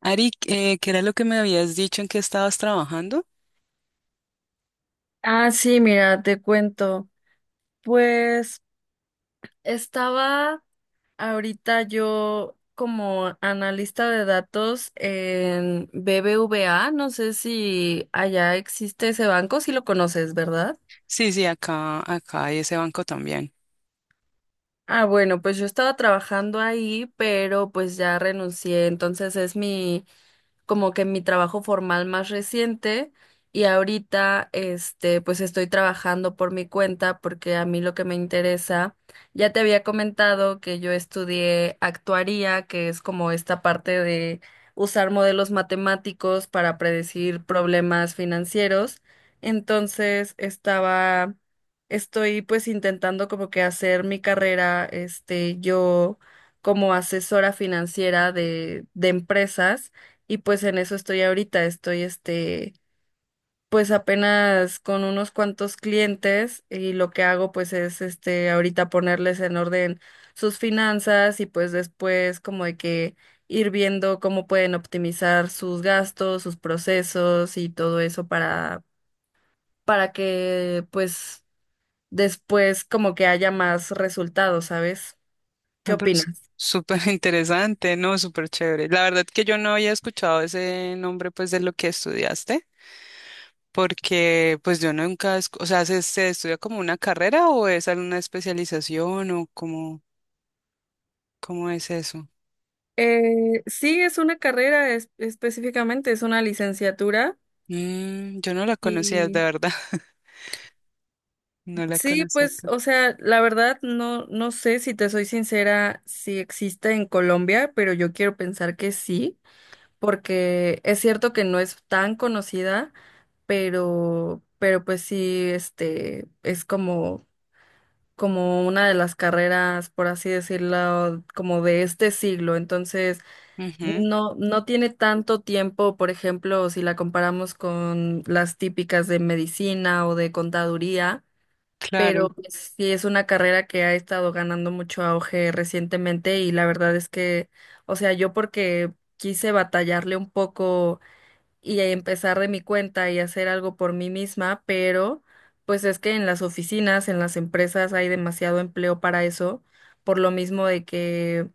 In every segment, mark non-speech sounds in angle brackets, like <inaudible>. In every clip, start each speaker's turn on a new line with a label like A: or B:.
A: Ari, ¿qué era lo que me habías dicho en que estabas trabajando?
B: Ah, sí, mira, te cuento. Pues estaba ahorita yo como analista de datos en BBVA. No sé si allá existe ese banco, si lo conoces, ¿verdad?
A: Sí, sí, acá hay ese banco también.
B: Ah, bueno, pues yo estaba trabajando ahí, pero pues ya renuncié, entonces es mi como que mi trabajo formal más reciente. Y ahorita pues estoy trabajando por mi cuenta porque a mí lo que me interesa, ya te había comentado que yo estudié actuaría, que es como esta parte de usar modelos matemáticos para predecir problemas financieros. Entonces, estaba estoy pues intentando como que hacer mi carrera yo como asesora financiera de empresas. Y pues en eso estoy ahorita, pues apenas con unos cuantos clientes. Y lo que hago pues es ahorita ponerles en orden sus finanzas y pues después como de que ir viendo cómo pueden optimizar sus gastos, sus procesos y todo eso para, que pues después como que haya más resultados, ¿sabes? ¿Qué
A: Ah, pero es
B: opinas?
A: súper <laughs> interesante, ¿no? Súper chévere. La verdad que yo no había escuchado ese nombre, pues, de lo que estudiaste, porque, pues, yo nunca, o sea, ¿se estudia como una carrera o es alguna especialización o cómo es eso?
B: Sí, es una carrera específicamente, es una licenciatura.
A: Mm, yo no la conocía, de
B: y
A: verdad, <laughs> no la
B: Sí,
A: conocía
B: pues,
A: acá.
B: o sea, la verdad no sé si te soy sincera si existe en Colombia, pero yo quiero pensar que sí, porque es cierto que no es tan conocida, pero pues sí, es como una de las carreras, por así decirlo, como de este siglo. Entonces,
A: Ujú,
B: no, no tiene tanto tiempo, por ejemplo, si la comparamos con las típicas de medicina o de contaduría, pero
A: claro.
B: pues, sí es una carrera que ha estado ganando mucho auge recientemente. Y la verdad es que, o sea, yo porque quise batallarle un poco y empezar de mi cuenta y hacer algo por mí misma, pero pues es que en las oficinas, en las empresas hay demasiado empleo para eso, por lo mismo de que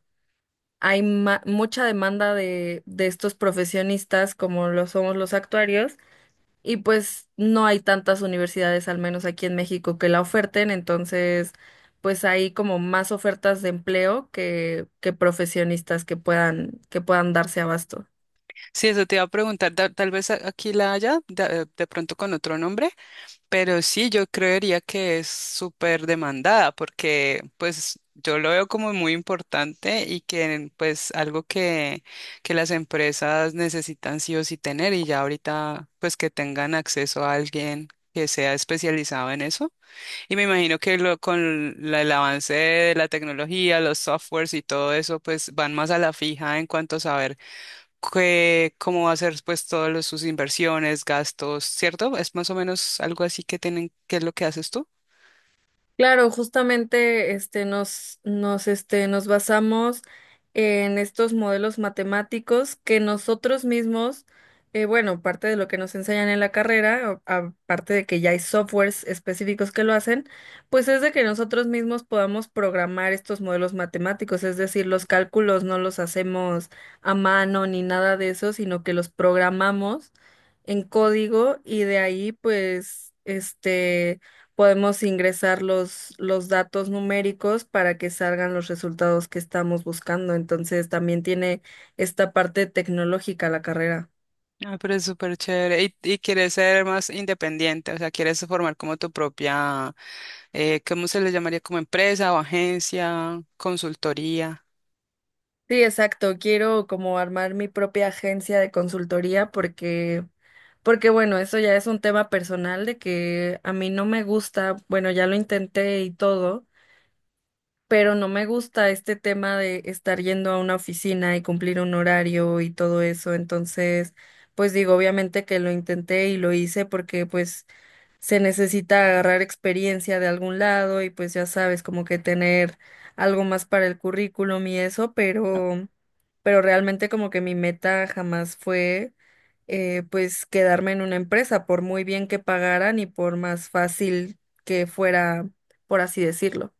B: hay mucha demanda de, estos profesionistas como lo somos los actuarios. Y pues no hay tantas universidades, al menos aquí en México, que la oferten, entonces pues hay como más ofertas de empleo que profesionistas que puedan darse abasto.
A: Sí, eso te iba a preguntar, tal vez aquí la haya, de pronto con otro nombre, pero sí, yo creería que es súper demandada porque pues yo lo veo como muy importante y que pues algo que las empresas necesitan sí o sí tener y ya ahorita pues que tengan acceso a alguien que sea especializado en eso. Y me imagino que lo, con el avance de la tecnología, los softwares y todo eso, pues van más a la fija en cuanto a saber cómo va a ser pues todas sus inversiones, gastos, ¿cierto? Es más o menos algo así que tienen, ¿qué es lo que haces tú?
B: Claro, justamente nos basamos en estos modelos matemáticos que nosotros mismos, bueno, parte de lo que nos enseñan en la carrera, aparte de que ya hay softwares específicos que lo hacen, pues es de que nosotros mismos podamos programar estos modelos matemáticos, es decir, los cálculos no los hacemos a mano ni nada de eso, sino que los programamos en código y de ahí pues podemos ingresar los, datos numéricos para que salgan los resultados que estamos buscando. Entonces, también tiene esta parte tecnológica la carrera.
A: Ah, pero es súper chévere. Y quieres ser más independiente, o sea, quieres formar como tu propia, ¿cómo se le llamaría? Como empresa o agencia, consultoría.
B: Sí, exacto. Quiero como armar mi propia agencia de consultoría porque bueno, eso ya es un tema personal de que a mí no me gusta, bueno, ya lo intenté y todo, pero no me gusta este tema de estar yendo a una oficina y cumplir un horario y todo eso. Entonces, pues digo, obviamente que lo intenté y lo hice porque pues se necesita agarrar experiencia de algún lado y pues ya sabes, como que tener algo más para el currículum y eso, pero realmente como que mi meta jamás fue pues quedarme en una empresa, por muy bien que pagaran y por más fácil que fuera, por así decirlo.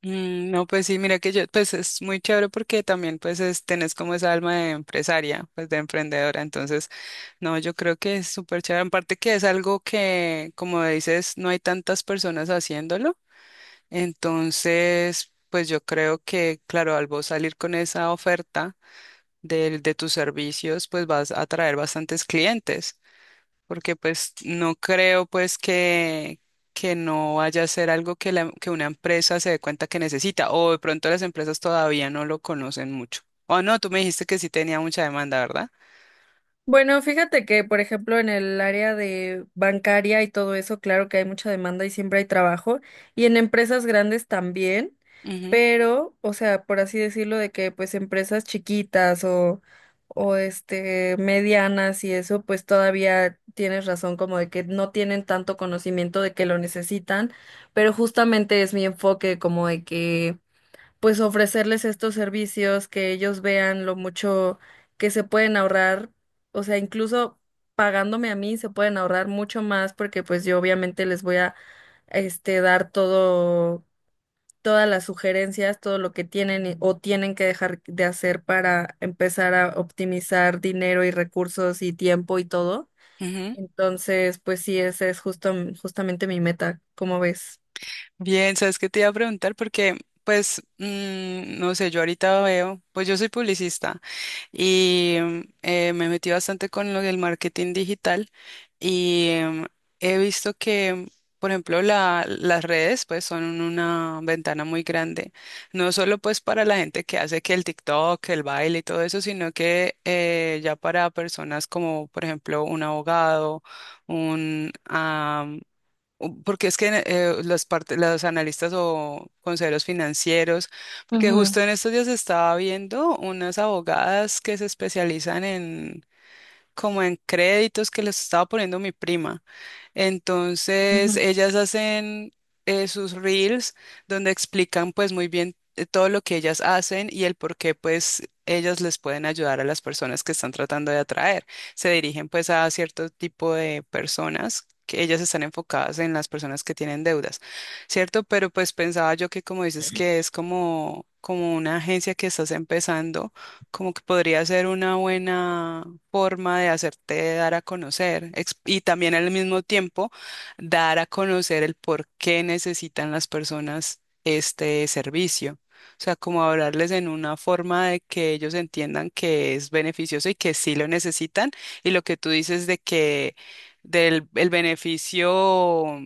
A: Mm, no, pues sí, mira que yo, pues es muy chévere porque también pues es, tenés como esa alma de empresaria, pues de emprendedora. Entonces, no, yo creo que es súper chévere. En parte que es algo que, como dices, no hay tantas personas haciéndolo. Entonces, pues yo creo que, claro, al vos salir con esa oferta del, de tus servicios, pues vas a atraer bastantes clientes. Porque pues no creo pues que no vaya a ser algo que, la, que una empresa se dé cuenta que necesita. O de pronto las empresas todavía no lo conocen mucho. O no, tú me dijiste que sí tenía mucha demanda, ¿verdad?
B: Bueno, fíjate que, por ejemplo, en el área de bancaria y todo eso, claro que hay mucha demanda y siempre hay trabajo, y en empresas grandes también,
A: Ujú,
B: pero, o sea, por así decirlo, de que pues empresas chiquitas o medianas y eso, pues todavía tienes razón como de que no tienen tanto conocimiento de que lo necesitan, pero justamente es mi enfoque como de que pues ofrecerles estos servicios, que ellos vean lo mucho que se pueden ahorrar, o sea, incluso pagándome a mí se pueden ahorrar mucho más porque pues yo obviamente les voy a dar todo todas las sugerencias, todo lo que tienen o tienen que dejar de hacer para empezar a optimizar dinero y recursos y tiempo y todo.
A: ujú.
B: Entonces, pues sí, esa es justo justamente mi meta, ¿cómo ves?
A: Bien, ¿sabes qué te iba a preguntar? Porque, pues, mm, no sé, yo ahorita veo, pues yo soy publicista y me metí bastante con lo del marketing digital y he visto que, por ejemplo, las redes, pues, son una ventana muy grande, no solo pues para la gente que hace que el TikTok, el baile y todo eso, sino que ya para personas como, por ejemplo, un abogado, un porque es que las los analistas o consejeros financieros, porque
B: Ujú.
A: justo en estos días estaba viendo unas abogadas que se especializan en, como en créditos que les estaba poniendo mi prima. Entonces,
B: Ujú.
A: ellas hacen sus reels donde explican pues muy bien todo lo que ellas hacen y el por qué pues ellas les pueden ayudar a las personas que están tratando de atraer. Se dirigen pues a cierto tipo de personas, que ellas están enfocadas en las personas que tienen deudas, ¿cierto? Pero pues pensaba yo que como dices que es como, como una agencia que estás empezando, como que podría ser una buena forma de hacerte dar a conocer y también al mismo tiempo dar a conocer el por qué necesitan las personas este servicio. O sea, como hablarles en una forma de que ellos entiendan que es beneficioso y que sí lo necesitan y lo que tú dices de que del el beneficio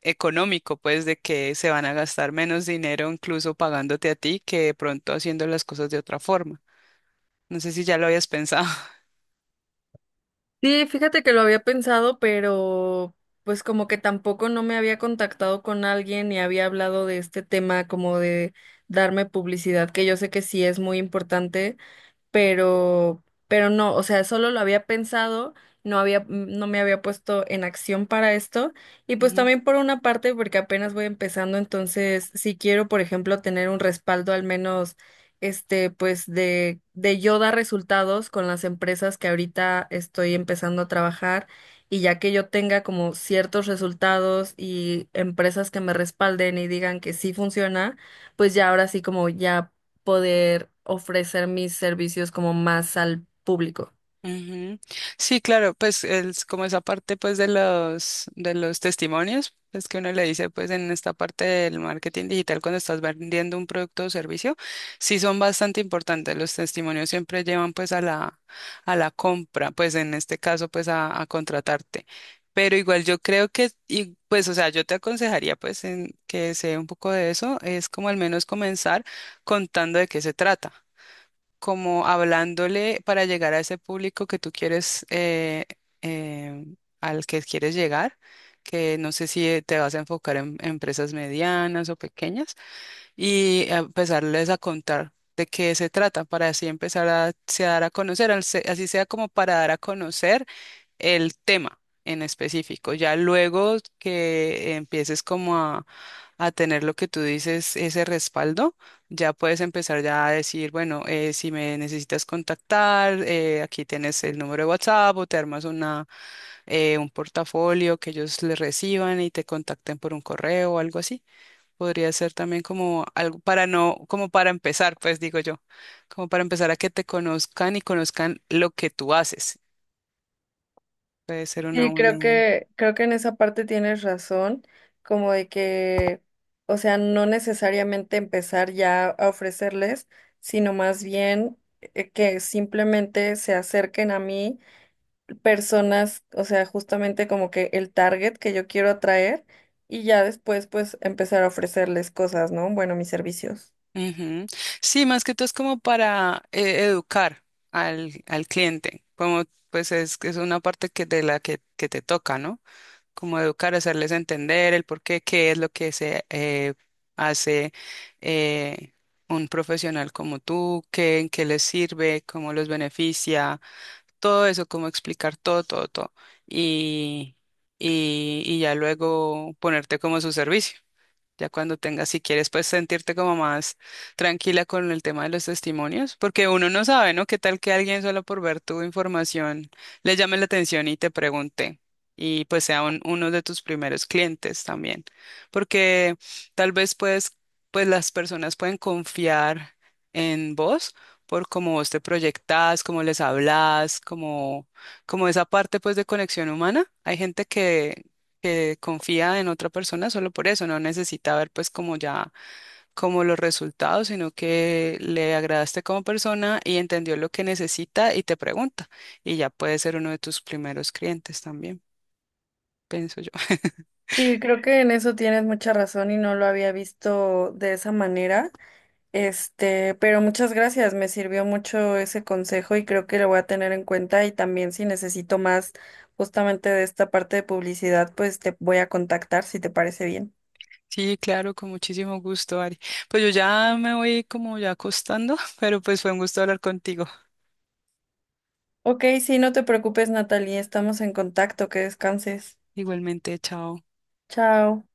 A: económico, pues de que se van a gastar menos dinero incluso pagándote a ti que de pronto haciendo las cosas de otra forma. No sé si ya lo habías pensado.
B: Sí, fíjate que lo había pensado, pero pues como que tampoco no me había contactado con alguien ni había hablado de este tema como de darme publicidad, que yo sé que sí es muy importante, pero, pero no, o sea, solo lo había pensado, no me había puesto en acción para esto, y
A: <laughs>
B: pues
A: Ujú.
B: también por una parte, porque apenas voy empezando, entonces, si quiero, por ejemplo, tener un respaldo al menos, pues de, yo dar resultados con las empresas que ahorita estoy empezando a trabajar, y ya que yo tenga como ciertos resultados y empresas que me respalden y digan que sí funciona, pues ya ahora sí como ya poder ofrecer mis servicios como más al público.
A: Ujú. Sí, claro, pues es como esa parte pues de los testimonios, es que uno le dice pues en esta parte del marketing digital cuando estás vendiendo un producto o servicio, sí son bastante importantes. Los testimonios siempre llevan pues a la compra, pues en este caso pues a contratarte. Pero igual yo creo que y pues o sea, yo te aconsejaría pues en que sea un poco de eso, es como al menos comenzar contando de qué se trata como hablándole para llegar a ese público que tú quieres, eh, al que quieres llegar, que no sé si te vas a enfocar en empresas medianas o pequeñas, y empezarles a contar de qué se trata, para así empezar a se dar a conocer, al así sea como para dar a conocer el tema en específico. Ya luego que empieces como a tener lo que tú dices, ese respaldo, ya puedes empezar ya a decir, bueno, si me necesitas contactar, aquí tienes el número de WhatsApp o te armas una, un portafolio que ellos le reciban y te contacten por un correo o algo así. Podría ser también como algo para no, como para empezar, pues digo yo, como para empezar a que te conozcan y conozcan lo que tú haces. Puede ser una
B: Sí,
A: buena
B: creo
A: idea.
B: que, creo que en esa parte tienes razón, como de que, o sea, no necesariamente empezar ya a ofrecerles, sino más bien que simplemente se acerquen a mí personas, o sea, justamente como que el target que yo quiero atraer y ya después pues empezar a ofrecerles cosas, ¿no? Bueno, mis servicios.
A: Ujú. Sí, más que todo es como para educar al, al cliente, como pues es una parte que de la que te toca, ¿no? Como educar, hacerles entender el por qué, qué es lo que se hace eh, un profesional como tú, qué, en qué les sirve, cómo los beneficia, todo eso, cómo explicar todo, todo, todo. Y, y ya luego ponerte como a su servicio. Ya cuando tengas, si quieres, pues sentirte como más tranquila con el tema de los testimonios, porque uno no sabe, ¿no? ¿Qué tal que alguien solo por ver tu información le llame la atención y te pregunte? Y pues sea un- uno de tus primeros clientes también, porque tal vez pues, pues las personas pueden confiar en vos por cómo vos te proyectás, cómo les hablas, como, como esa parte pues de conexión humana. Hay gente que confía en otra persona solo por eso, no necesita ver pues como ya como los resultados, sino que le agradaste como persona y entendió lo que necesita y te pregunta y ya puede ser uno de tus primeros clientes también, pienso yo. <laughs>
B: Sí, creo que en eso tienes mucha razón y no lo había visto de esa manera. Pero muchas gracias, me sirvió mucho ese consejo y creo que lo voy a tener en cuenta y también si necesito más justamente de esta parte de publicidad, pues te voy a contactar si te parece bien.
A: Sí, claro, con muchísimo gusto, Ari. Pues yo ya me voy como ya acostando, <laughs> pero pues fue un gusto hablar contigo.
B: Ok, sí, no te preocupes, Natalie, estamos en contacto, que descanses.
A: Igualmente, chao.
B: Chao.